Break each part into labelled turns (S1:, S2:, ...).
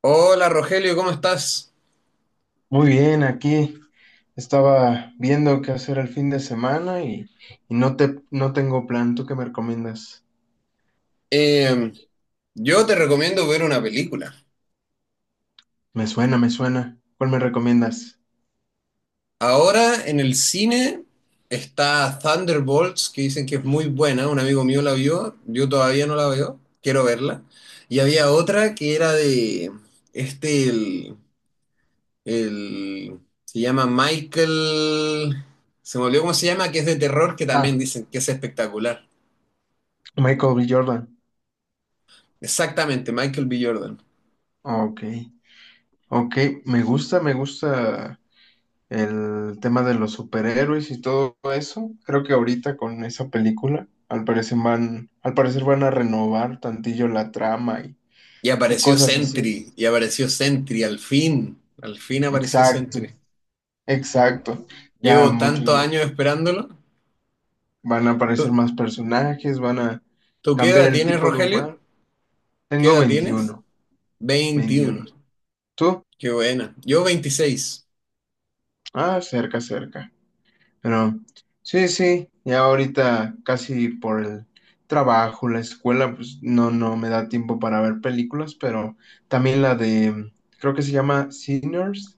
S1: Hola Rogelio, ¿cómo estás?
S2: Muy bien, aquí estaba viendo qué hacer el fin de semana y no tengo plan. ¿Tú qué me recomiendas?
S1: Eh, yo te recomiendo ver una película.
S2: Me suena, me suena. ¿Cuál me recomiendas?
S1: Ahora en el cine está Thunderbolts, que dicen que es muy buena. Un amigo mío la vio, yo todavía no la veo, quiero verla. Y había otra que era de este, se llama Michael, se me olvidó cómo se llama, que es de terror, que también
S2: Ah,
S1: dicen que es espectacular.
S2: Michael B. Jordan.
S1: Exactamente, Michael B. Jordan.
S2: Ah, ok, ok, me gusta el tema de los superhéroes y todo eso. Creo que ahorita con esa película, al parecer van a renovar tantillo la trama y, y cosas así.
S1: Y apareció Sentry, al fin apareció
S2: Exacto,
S1: Sentry.
S2: exacto. Ya
S1: Llevo
S2: mucho y
S1: tantos años
S2: más.
S1: esperándolo.
S2: Van a aparecer
S1: ¿Tú,
S2: más personajes, van a
S1: tú qué
S2: cambiar
S1: edad
S2: el
S1: tienes,
S2: tipo de
S1: Rogelio?
S2: humano.
S1: ¿Qué
S2: Tengo
S1: edad tienes?
S2: 21, 21.
S1: 21.
S2: ¿Tú?
S1: Qué buena. Yo 26.
S2: Ah, cerca, cerca. Pero sí, sí, ya ahorita casi por el trabajo, la escuela, pues no, no me da tiempo para ver películas. Pero también creo que se llama Sinners,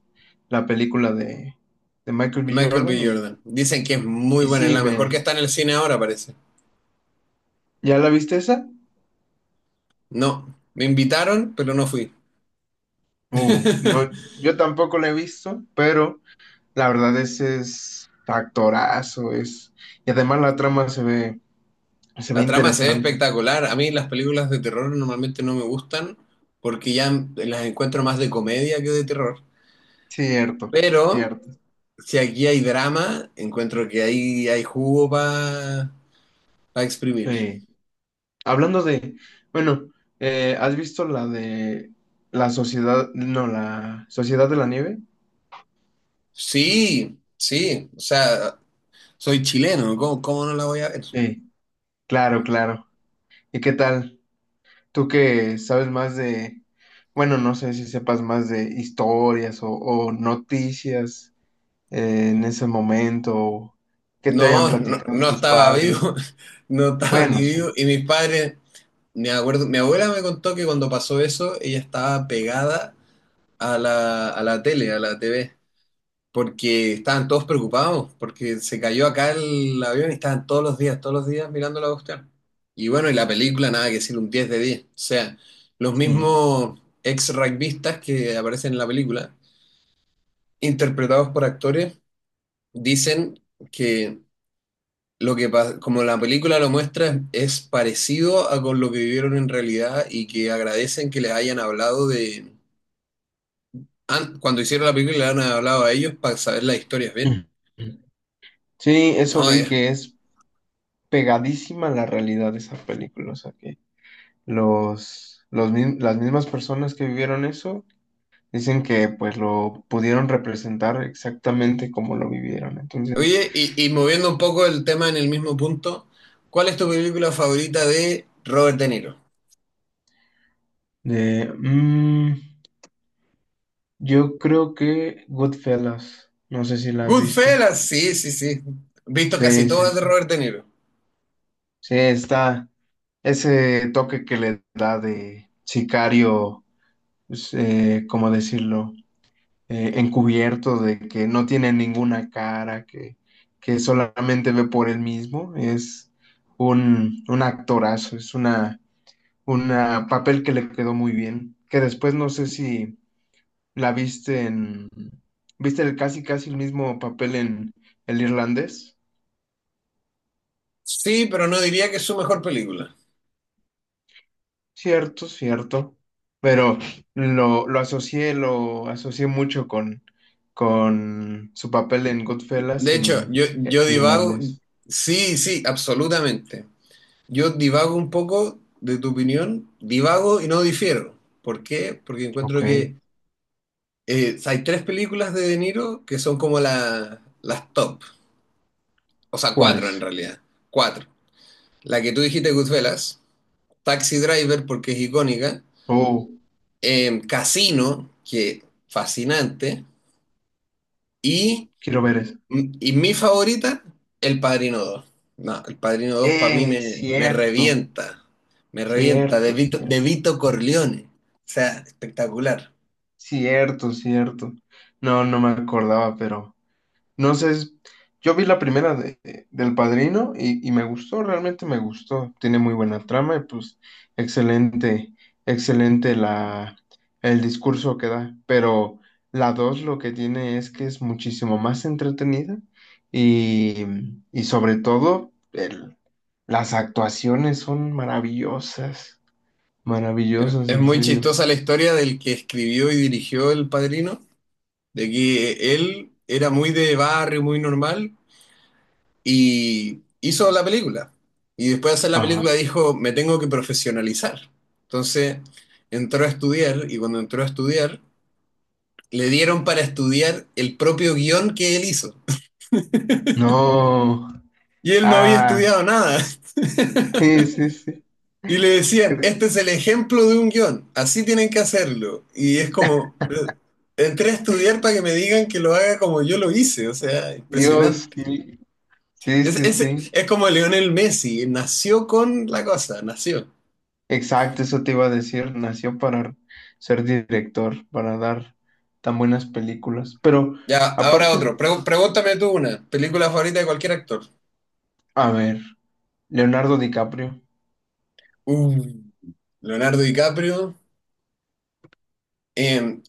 S2: la película de Michael
S1: De
S2: B.
S1: Michael B.
S2: Jordan, y,
S1: Jordan. Dicen que es muy
S2: y
S1: buena, es
S2: sí,
S1: la mejor que está en el cine ahora, parece.
S2: ¿ya la viste esa?
S1: No, me invitaron, pero no fui.
S2: No, yo tampoco la he visto, pero la verdad, ese es factorazo, es. Y además la trama se ve
S1: La trama se ve
S2: interesante.
S1: espectacular. A mí las películas de terror normalmente no me gustan porque ya las encuentro más de comedia que de terror.
S2: Cierto,
S1: Pero
S2: cierto.
S1: si aquí hay drama, encuentro que ahí hay jugo para exprimir.
S2: Sí. Hablando de, bueno, ¿has visto la de la sociedad, no, la Sociedad de la Nieve?
S1: Sí, sí, o sea, soy chileno, ¿cómo, cómo no la voy a ver?
S2: Sí, claro, claro. ¿Y qué tal? Tú que sabes más de, bueno, no sé si sepas más de historias o noticias en ese momento, o que te hayan
S1: No, no,
S2: platicado
S1: no
S2: tus
S1: estaba
S2: padres.
S1: vivo, no estaba ni
S2: Bueno, sí.
S1: vivo. Y mis padres, me acuerdo, mi abuela me contó que cuando pasó eso, ella estaba pegada a la tele, a la TV. Porque estaban todos preocupados, porque se cayó acá el avión y estaban todos los días mirando la cuestión. Y bueno, y la película, nada que decir, un 10 de 10. O sea, los
S2: Sí.
S1: mismos ex rugbistas que aparecen en la película, interpretados por actores, dicen que como la película lo muestra, es parecido a con lo que vivieron en realidad y que agradecen que les hayan hablado de. Cuando hicieron la película, le han hablado a ellos para saber las historias bien.
S2: Ujú. Sí, eso
S1: No,
S2: vi
S1: es.
S2: que es pegadísima a la realidad de esa película, o sea que las mismas personas que vivieron eso dicen que pues lo pudieron representar exactamente como lo vivieron. Entonces,
S1: Oye, y moviendo un poco el tema en el mismo punto, ¿cuál es tu película favorita de Robert De Niro?
S2: de, mm, yo creo que Goodfellas, no sé si la has visto.
S1: Goodfellas, sí, sí, sí. Visto casi
S2: Sí, sí,
S1: todas de
S2: sí.
S1: Robert De Niro.
S2: Sí, está ese toque que le da de sicario, pues, ¿cómo decirlo? Encubierto, de que no tiene ninguna cara, que solamente ve por él mismo. Es un actorazo, es una papel que le quedó muy bien. Que después no sé si la viste en, viste el casi casi el mismo papel en el irlandés.
S1: Sí, pero no diría que es su mejor película.
S2: Cierto, cierto. Pero lo asocié mucho con su papel en Goodfellas
S1: De
S2: y
S1: hecho,
S2: en
S1: yo,
S2: el
S1: yo divago,
S2: irlandés.
S1: sí, sí, absolutamente. Yo divago un poco de tu opinión, divago y no difiero. ¿Por qué? Porque
S2: Ok.
S1: encuentro que hay tres películas de De Niro que son como las top, o sea, cuatro en
S2: ¿Cuáles?
S1: realidad, cuatro. La que tú dijiste, Goodfellas, Taxi Driver, porque es icónica,
S2: Oh,
S1: Casino, que fascinante, y,
S2: quiero ver eso.
S1: y mi favorita, El Padrino dos. No, El Padrino dos para mí me,
S2: Cierto,
S1: me revienta,
S2: cierto,
S1: De
S2: cierto,
S1: Vito Corleone, o sea, espectacular.
S2: cierto, cierto. No, no me acordaba, pero no sé. Yo vi la primera del Padrino, y me gustó, realmente me gustó. Tiene muy buena trama y pues excelente, excelente el discurso que da. Pero la dos lo que tiene es que es muchísimo más entretenida y, y sobre todo el, Las actuaciones son maravillosas,
S1: Es
S2: maravillosas,
S1: es
S2: en
S1: muy
S2: serio.
S1: chistosa la historia del que escribió y dirigió El Padrino, de que él era muy de barrio, muy normal, y hizo la película. Y después de hacer la
S2: Ajá.
S1: película dijo, me tengo que profesionalizar. Entonces entró a estudiar y cuando entró a estudiar, le dieron para estudiar el propio guión que él hizo.
S2: No.
S1: Y él no había
S2: Ah,
S1: estudiado nada.
S2: sí, sí, sí.
S1: Y le decían, este es el ejemplo de un guión, así tienen que hacerlo. Y es como, pero entré a estudiar para que me digan que lo haga como yo lo hice. O sea,
S2: Dios,
S1: impresionante.
S2: sí, sí,
S1: Es,
S2: sí,
S1: es,
S2: sí.
S1: es como Lionel Messi, nació con la cosa, nació.
S2: Exacto, eso te iba a decir. Nació para ser director, para dar tan buenas películas. Pero
S1: Ya, ahora
S2: aparte,
S1: otro. Pregúntame tú una. Película favorita de cualquier actor.
S2: a ver, Leonardo DiCaprio.
S1: Uh, Leonardo DiCaprio. Em,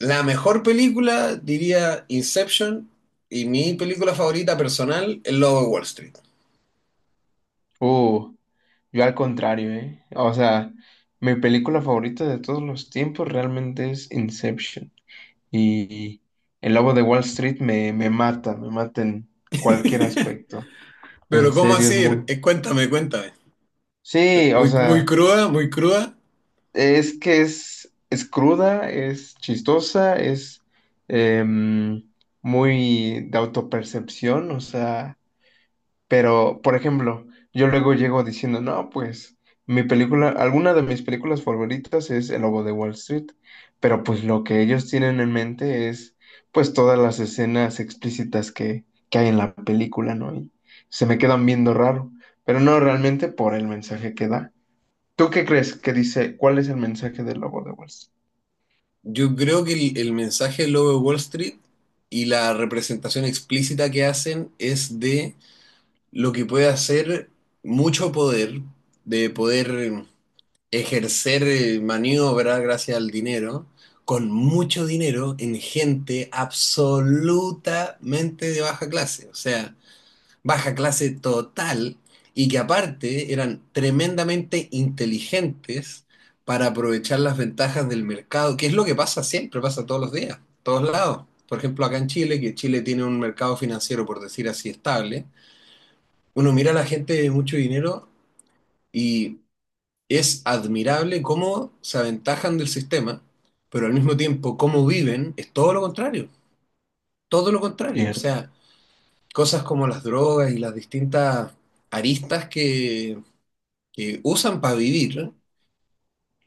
S1: la mejor película, diría Inception. Y mi película favorita personal, El Lobo de Wall Street.
S2: Uh, yo al contrario, ¿eh? O sea, mi película favorita de todos los tiempos realmente es Inception. Y el lobo de Wall Street me mata en cualquier aspecto. En
S1: Pero ¿cómo
S2: serio,
S1: así?
S2: es muy.
S1: Cuéntame, cuéntame.
S2: Sí, o
S1: Muy, muy
S2: sea,
S1: cruda, muy cruda.
S2: es que es cruda, es chistosa, es em, muy de autopercepción, o sea, pero, por ejemplo, yo luego llego diciendo, no, pues mi película, alguna de mis películas favoritas es El Lobo de Wall Street, pero pues lo que ellos tienen en mente es pues todas las escenas explícitas que hay en la película, ¿no? Y se me quedan viendo raro, pero no realmente por el mensaje que da. ¿Tú qué crees que dice? ¿Cuál es el mensaje del Lobo de Wall Street?
S1: Yo creo que el mensaje del Lobo de Wall Street y la representación explícita que hacen es de lo que puede hacer mucho poder, de poder ejercer maniobra gracias al dinero, con mucho dinero, en gente absolutamente de baja clase, o sea, baja clase total, y que aparte eran tremendamente inteligentes para aprovechar las ventajas del mercado, que es lo que pasa siempre, pasa todos los días, todos lados. Por ejemplo, acá en Chile, que Chile tiene un mercado financiero, por decir así, estable, uno mira a la gente de mucho dinero y es admirable cómo se aventajan del sistema, pero al mismo tiempo cómo viven es todo lo contrario, todo lo contrario. O
S2: Cierto.
S1: sea, cosas como las drogas y las distintas aristas que usan para vivir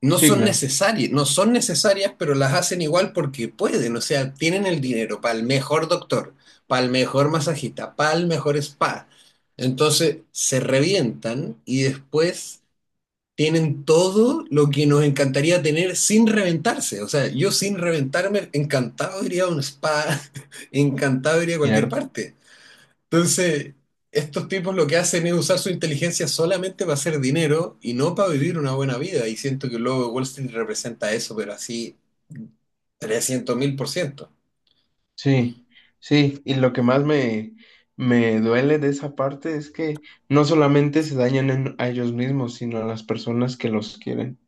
S1: no
S2: Sí,
S1: son
S2: claro.
S1: necesarias, no son necesarias, pero las hacen igual porque pueden. O sea, tienen el dinero para el mejor doctor, para el mejor masajista, para el mejor spa. Entonces se revientan y después tienen todo lo que nos encantaría tener sin reventarse. O sea, yo sin reventarme, encantado iría a un spa, encantado iría a cualquier
S2: Cierto.
S1: parte. Entonces, estos tipos lo que hacen es usar su inteligencia solamente para hacer dinero y no para vivir una buena vida. Y siento que luego Wall Street representa eso, pero así 300 mil por ciento.
S2: Sí, sí, y lo que más me duele de esa parte es que no solamente se dañan a ellos mismos, sino a las personas que los quieren.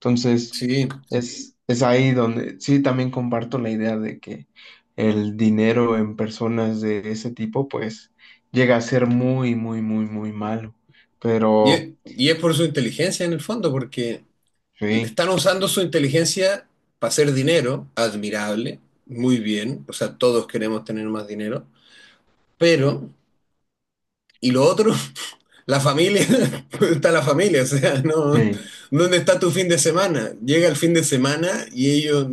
S2: Entonces,
S1: Sí.
S2: es ahí donde sí también comparto la idea de que el dinero en personas de ese tipo, pues, llega a ser muy, muy, muy, muy malo. Pero,
S1: Y es por su inteligencia en el fondo, porque
S2: sí,
S1: están usando su inteligencia para hacer dinero, admirable, muy bien, o sea, todos queremos tener más dinero, pero, y lo otro, la familia, ¿dónde está la familia? O sea, no,
S2: sí,
S1: ¿dónde está tu fin de semana? Llega el fin de semana y ellos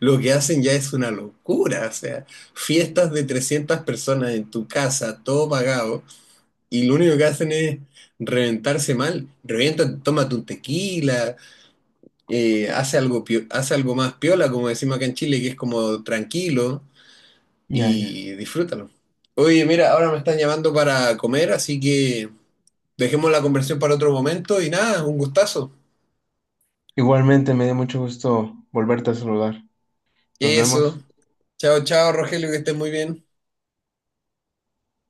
S1: lo que hacen ya es una locura, o sea, fiestas de 300 personas en tu casa, todo pagado, y lo único que hacen es reventarse mal, revientan, tómate un tequila, hace algo, hace algo más piola, como decimos acá en Chile, que es como tranquilo
S2: ya, ya.
S1: y disfrútalo. Oye, mira, ahora me están llamando para comer, así que dejemos la conversación para otro momento y nada, un gustazo.
S2: Igualmente me dio mucho gusto volverte a saludar. Nos
S1: Eso.
S2: vemos.
S1: Chao, chao, Rogelio, que estés muy bien.